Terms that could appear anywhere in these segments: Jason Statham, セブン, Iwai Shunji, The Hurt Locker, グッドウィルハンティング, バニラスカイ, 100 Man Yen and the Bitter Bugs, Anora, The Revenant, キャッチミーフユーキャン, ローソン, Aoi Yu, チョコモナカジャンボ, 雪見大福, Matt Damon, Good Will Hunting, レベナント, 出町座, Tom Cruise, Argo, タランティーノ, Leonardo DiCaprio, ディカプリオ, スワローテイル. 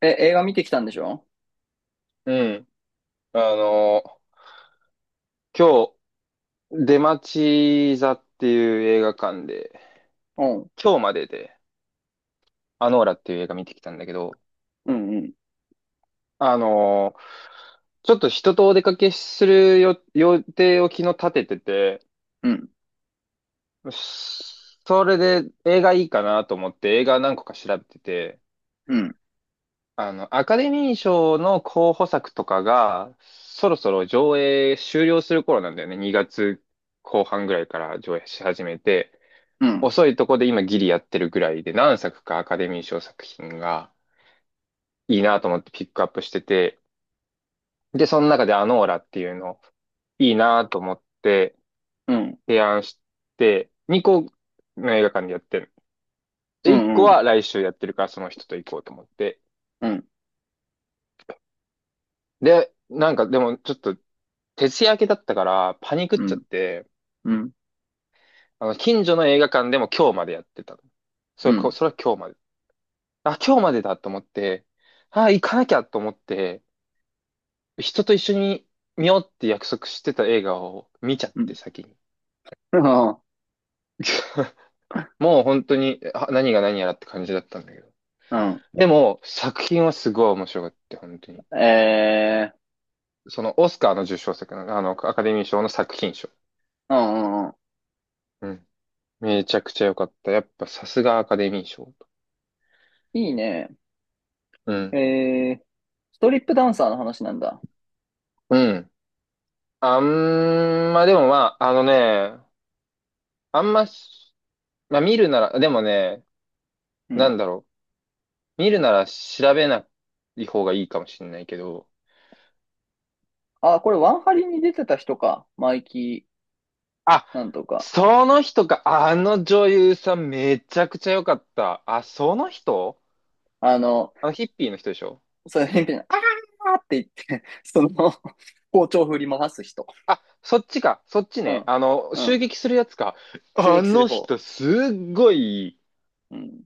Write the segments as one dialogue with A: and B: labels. A: え、映画見てきたんでしょ？
B: うん。あの今日、出町座っていう映画館で、
A: うん。
B: 今日までで、アノーラっていう映画見てきたんだけど、
A: うん、うん、
B: あのー、ちょっと人とお出かけするよ予定を昨日立ててて、
A: うん、
B: それで映画いいかなと思って映画何個か調べてて、
A: うん、
B: アカデミー賞の候補作とかが、そろそろ上映終了する頃なんだよね。2月後半ぐらいから上映し始めて、
A: うん、
B: 遅いとこで今ギリやってるぐらいで何作かアカデミー賞作品がいいなと思ってピックアップしてて、で、その中でアノーラっていうのいいなと思って
A: うん、うん、
B: 提案して、2個の映画館でやってる。
A: う
B: で、1個は
A: ん、
B: 来週やってるからその人と行こうと思って。
A: うん、
B: で、なんかでもちょっと徹夜明けだったからパニクっ
A: う
B: ちゃっ
A: ん、
B: て、
A: うん、
B: 近所の映画館でも今日までやってたの。そ
A: う
B: れ、こ
A: ん、
B: それは今日まで。あ、今日までだと思って、あ、行かなきゃと思って、人と一緒に見ようって約束してた映画を 見ちゃっ
A: う
B: て先に。
A: ん、
B: もう本当にあ何が何やらって感じだったんだけど。
A: うん、
B: でも作品はすごい面白かった、本当に。
A: え
B: そのオスカーの受賞作の、アカデミー賞の作品賞。
A: ー、うん、うん、うん。
B: うん。めちゃくちゃ良かった。やっぱさすがアカデミー賞。
A: いいね。
B: うん。
A: えー、ストリップダンサーの話なんだ。
B: うん。あんま、でもまあ、あのね、あんまし、まあ見るなら、でもね、
A: う
B: な
A: ん。
B: んだろう。見るなら調べない方がいいかもしれないけど、
A: あ、これワンハリに出てた人か。マイキ
B: あ、
A: ー、なんとか。
B: その人か。あの女優さんめちゃくちゃ良かった。あ、その人
A: あの、
B: あのヒッピーの人でしょ。
A: そういう変な、あーって言って、その、包丁振り回す人。
B: あ、そっちか。そっち
A: う
B: ね。
A: ん、う
B: 襲
A: ん。
B: 撃するやつか。
A: 襲
B: あ
A: 撃する
B: の
A: 方。
B: 人、すっごい
A: うん、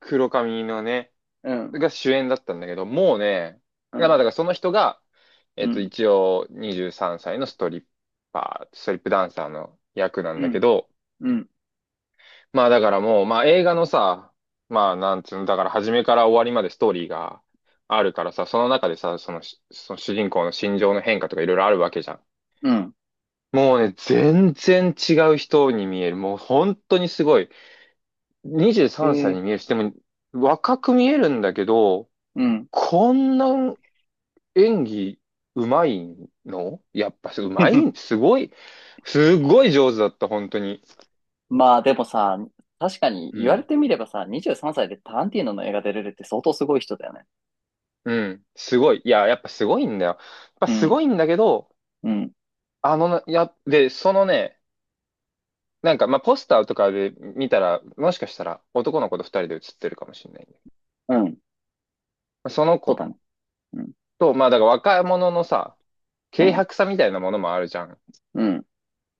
B: 黒髪のね、
A: うん、
B: が主演だったんだけど、もうね、
A: う
B: だからだか
A: ん、
B: らその人が、え
A: う
B: っと、
A: ん、
B: 一応23歳のストリッパー、ストリップダンサーの役なん
A: う
B: だけ
A: ん、
B: ど、
A: うん、
B: まあだからもう、まあ映画のさ、まあなんつうの、だから初めから終わりまでストーリーがあるからさ、その中でさ、そのし、その主人公の心情の変化とかいろいろあるわけじゃん。
A: うん。
B: もうね、全然違う人に見える。もう本当にすごい。23
A: へ
B: 歳
A: え、
B: に見えるし、でも若く見えるんだけど、
A: うん。
B: こんな演技うまいのやっぱうまい、すごい、すごい上手だった、本当に。
A: まあでもさ、確かに
B: う
A: 言われ
B: ん。
A: てみればさ、23歳でタランティーノの映画出れるって相当すごい人だよね。
B: うん。すごい。いや、やっぱすごいんだよ。やっぱ
A: う
B: す
A: ん、
B: ごいんだけど、
A: うん、
B: あのな、や、で、そのね、なんか、まあ、ポスターとかで見たら、もしかしたら男の子と二人で写ってるかもしれない、ね。
A: うん。
B: まあその
A: そう
B: 子
A: だね。うん、
B: と、まあ、だから若者のさ、
A: う
B: 軽
A: ん、
B: 薄さみたいなものもあるじゃん。
A: うん。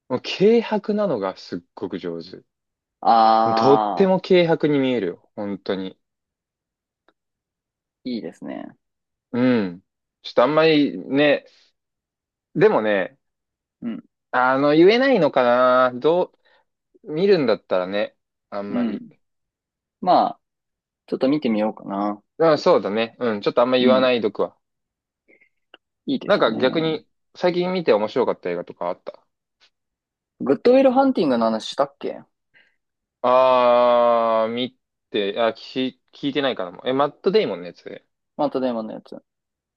B: もう軽薄なのがすっごく上手。とって
A: あ
B: も軽薄に見えるよ。本当に。
A: ー、いいですね。
B: うん。ちょっとあんまりね、でもね、
A: うん、
B: 言えないのかな。どう、見るんだったらね、あん
A: う
B: まり。
A: ん。まあ、ちょっと見てみようかな。
B: うん、そうだね。うん、ちょっとあんま
A: う
B: 言わな
A: ん、
B: いどくわ。
A: いいで
B: なん
A: す
B: か逆
A: ね。
B: に、最近見て面白かった映画とかあった。
A: グッドウィルハンティングの話したっけ？
B: あー、見て、あ、聞いてないかな。え、マット・デイモンのやつね。
A: また電話のやつ。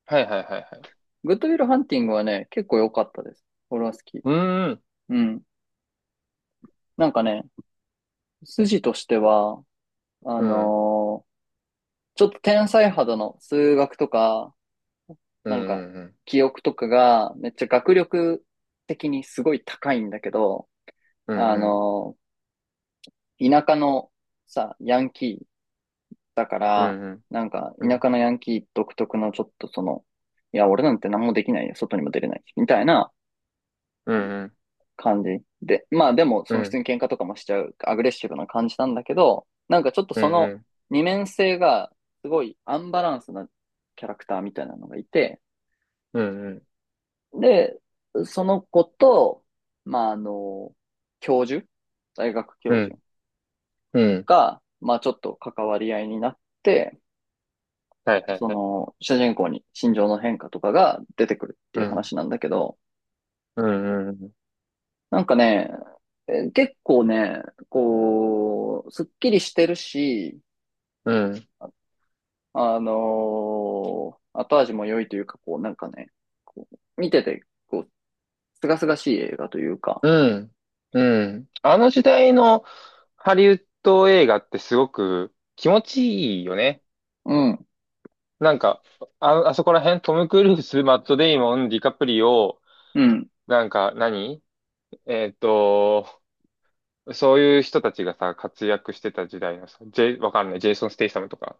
B: はいはいはいはい。
A: グッドウィルハンティングはね、結構良かったです。俺は好き。
B: うーん、
A: うん。なんかね、筋としては、あ
B: うん、
A: のーちょっと天才肌の数学とか、
B: う
A: なんか、
B: ん、うん、
A: 記憶とかが、めっちゃ学力的にすごい高いんだけど、
B: う
A: あ
B: ん、
A: の、田舎のさ、ヤンキーだか
B: う
A: ら、
B: ん、うん、
A: なんか、
B: うん、う
A: 田
B: ん、
A: 舎のヤンキー独特のちょっとその、いや、俺なんて何もできないよ、外にも出れない、みたいな
B: うん、
A: 感じで、まあでも、そ
B: うん、
A: の
B: う
A: 普通
B: ん、
A: に喧嘩とかもしちゃう、アグレッシブな感じなんだけど、なんかちょっと
B: う
A: その
B: ん、
A: 二面性が、すごいアンバランスなキャラクターみたいなのがいて、
B: うん、
A: で、その子と、まあ、教授、大学教
B: う
A: 授
B: ん、うん、
A: が、まあ、ちょっと関わり合いになって、
B: はいはい
A: そ
B: はい。
A: の、主人公に心情の変化とかが出てくるって
B: う
A: いう
B: ん、
A: 話なんだけど、
B: うん、うん、
A: なんかね、結構ね、こう、すっきりしてるし、
B: うん、
A: あの後味も良いというか、こう、なんかね、こう見てて、こう、すがすがしい映画というか、
B: うん、うん。あの時代のハリウッド映画ってすごく気持ちいいよね。
A: うん、
B: なんか、あ、あそこら辺、トム・クルーズ、マット・デイモン、ディカプリオ、
A: うん、
B: なんか何、えっと、そういう人たちがさ、活躍してた時代のさ、ジェイ、わかんない、ジェイソン・ステイサムとか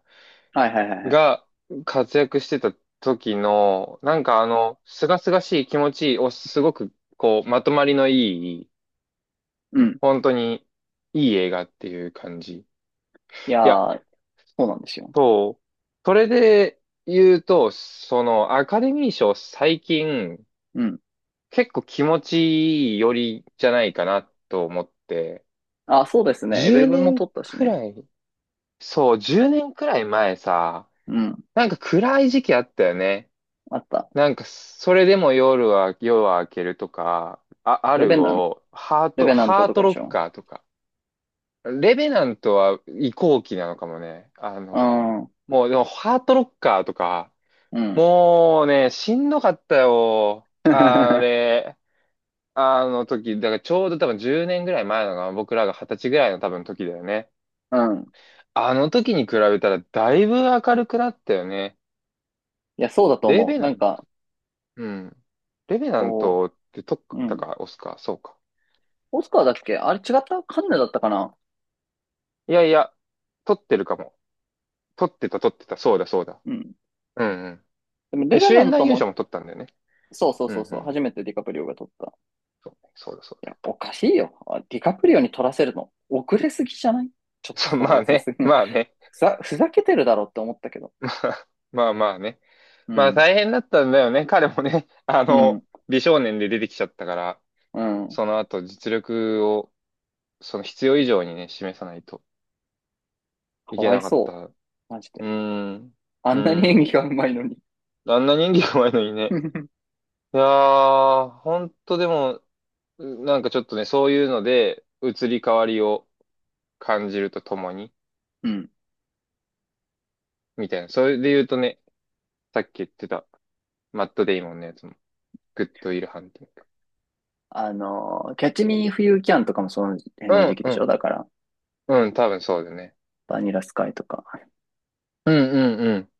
A: はいはいはいはい、
B: が活躍してた時の、なんかあの、すがすがしい気持ちをすごく、こう、まとまりのいい、
A: うん。
B: 本当にいい映画っていう感じ。い
A: いや
B: や、
A: ー、そうなんですよ。
B: そう。それで言うと、その、アカデミー賞最近、
A: うん。
B: 結構気持ちいいよりじゃないかなと思って、
A: あ、そうですね。エベ
B: 10
A: ブも
B: 年
A: 取ったし
B: く
A: ね。
B: らい、そう、10年くらい前さ、
A: うん。
B: なんか暗い時期あったよね。
A: あった。
B: なんか、それでも夜は、夜は明けるとか、あ、ア
A: レ
B: ル
A: ベナン、
B: ゴ、ハー
A: レ
B: ト、
A: ベナント
B: ハー
A: と
B: ト
A: かで
B: ロ
A: し
B: ッ
A: ょ？
B: カーとか。レベナントは移行期なのかもね。
A: うん。う
B: もう、でも、ハートロッカーとか、
A: ん。
B: もうね、しんどかったよ。あ れ。あの時、だからちょうど多分10年ぐらい前のが、僕らが20歳ぐらいの多分時だよね。
A: うん。
B: あの時に比べたらだいぶ明るくなったよね。
A: いや、そうだと
B: レ
A: 思
B: ベ
A: う。
B: ナ
A: なん
B: ン、
A: か、
B: うん。レベナン
A: こ
B: トって撮っ
A: う、う
B: た
A: ん。
B: か、オスか、そうか。
A: オスカーだっけ？あれ違ったカンヌだったかな？
B: いやいや、撮ってるかも。撮ってた。そうだ、そうだ。
A: うん。
B: うんうん。
A: でも、レ
B: え、
A: ベ
B: 主
A: ナ
B: 演
A: ン
B: 男
A: ト
B: 優賞
A: も、
B: も撮ったんだよね。
A: そうそう
B: う
A: そう
B: んう
A: そう。
B: ん。
A: 初めてディカプリオが取った。
B: そうねそうだ、そう
A: い
B: だ。
A: や、おかしいよ。あディカプリオに取らせるの、遅れすぎじゃない？ちょ っと
B: そう、
A: それ
B: まあ
A: はさす
B: ね、
A: がに
B: まあね。
A: ふざけてるだろって思ったけど。
B: まあ、まあまあね。
A: う
B: まあ
A: ん。
B: 大変だったんだよね。彼もね、
A: うん。
B: 美少年で出てきちゃったから。
A: うん。
B: その後実力を、その必要以上にね、示さないと
A: か
B: いけ
A: わい
B: なかった。
A: そ
B: う
A: う。マジ
B: ー
A: で。
B: ん。
A: あ
B: う
A: んなに
B: ー
A: 演
B: ん。
A: 技がうまいのに。
B: あんな人気弱いのにね。いやー、ほんとでも、なんかちょっとね、そういうので、移り変わりを感じるとともに、
A: うん。
B: みたいな。それで言うとね、さっき言ってた、マット・デイモンのやつも、グッド・ウィル・ハンティング。
A: あの、キャッチミーフユーキャンとかもその辺の時
B: う
A: 期でし
B: ん、
A: ょ？だから、
B: うん、うん、多分そうだね。
A: バニラスカイとか。
B: うん、うん、うん。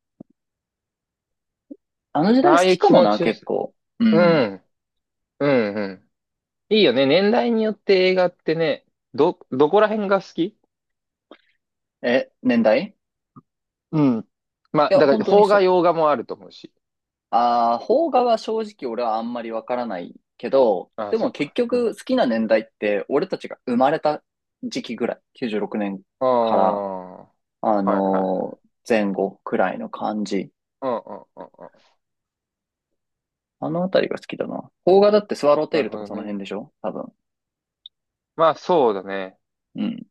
A: あの時
B: あ
A: 代
B: あ
A: 好
B: い
A: き
B: う
A: か
B: 気
A: も
B: 持
A: な、
B: ちよ
A: 結
B: さ。
A: 構。う
B: う
A: ん。
B: ん、うん、うん。いいよね。年代によって映画ってね、ど、どこら辺が好き。
A: え、年代？
B: うん。まあ、
A: いや、
B: だか
A: 本
B: ら、
A: 当に
B: 邦画、
A: そ、
B: 洋画もあると思うし。
A: ああ、邦画は正直俺はあんまりわからないけど、
B: ああ、
A: で
B: そ
A: も
B: っ
A: 結
B: か。うん。
A: 局好きな年代って俺たちが生まれた時期ぐらい、96年
B: ああ、
A: から、
B: はいはいはい。
A: 前後くらいの感じ。
B: うんうんうんうん。
A: あのあたりが好きだな。邦画だってスワローテ
B: な
A: イ
B: る
A: ルと
B: ほ
A: か
B: ど
A: その
B: ね。
A: 辺でしょ？多分。
B: まあ、そうだね。
A: うん。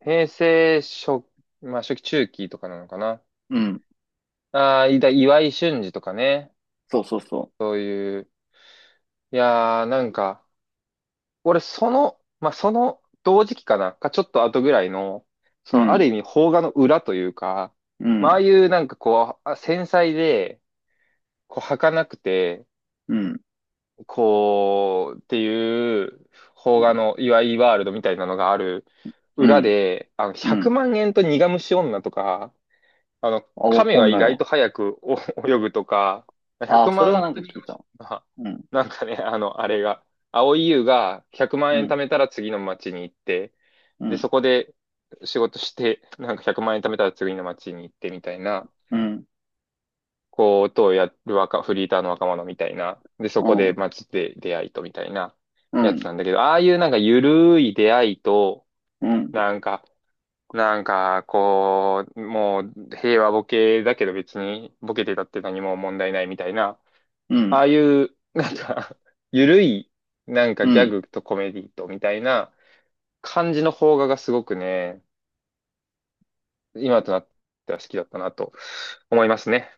B: 平成初、まあ、初期中期とかなのかな。
A: うん。
B: ああ、いだ、岩井俊二とかね。
A: そうそうそ
B: いやー、なんか、俺、その、まあ、その同時期かな、かちょっと後ぐらいの、そ
A: う。う
B: の、あ
A: ん、
B: る意味、邦画の裏というか、
A: う
B: まあ、あ
A: ん、
B: あいうなんかこう、あ繊細で、こう、儚くて、
A: うん、
B: こう、っていう、邦画の、いわゆるワールドみたいなのがある
A: う
B: 裏
A: ん、
B: で、
A: う
B: 100
A: ん。
B: 万円と苦虫女とか、
A: あ、わ
B: 亀
A: か
B: は
A: ん
B: 意
A: ない
B: 外
A: わ。
B: と早くお 泳ぐとか、
A: あ、
B: 100
A: それ
B: 万
A: は
B: 円
A: なん
B: と
A: か聞
B: 2万
A: いた。
B: 円が、
A: うん、
B: なんかね、あの、あれが、蒼井優が100万
A: う
B: 円
A: ん、
B: 貯めたら次の町に行って、
A: う
B: で、
A: ん、
B: そこで仕事して、なんか100万円貯めたら次の町に行ってみたいな、
A: うん、
B: こう、ことをやる若、フリーターの若者みたいな、で、そ
A: う
B: こで
A: ん、
B: 町で出会いとみたいな
A: う
B: やつ
A: ん、
B: なんだけど、ああいうなんかゆるい出会いと、
A: うん、
B: なんか、なんか、こう、もう平和ボケだけど別にボケてたって何も問題ないみたいな、
A: う
B: あ
A: ん、
B: あいう、なんか ゆるい、なんか
A: う
B: ギャ
A: ん。
B: グとコメディとみたいな感じの邦画がすごくね、今となっては好きだったなと思いますね。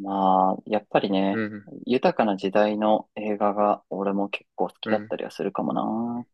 A: まあ、やっぱり
B: う
A: ね、
B: ん、
A: 豊かな時代の映画が俺も結構好き
B: う
A: だっ
B: ん。
A: たりはするかもな。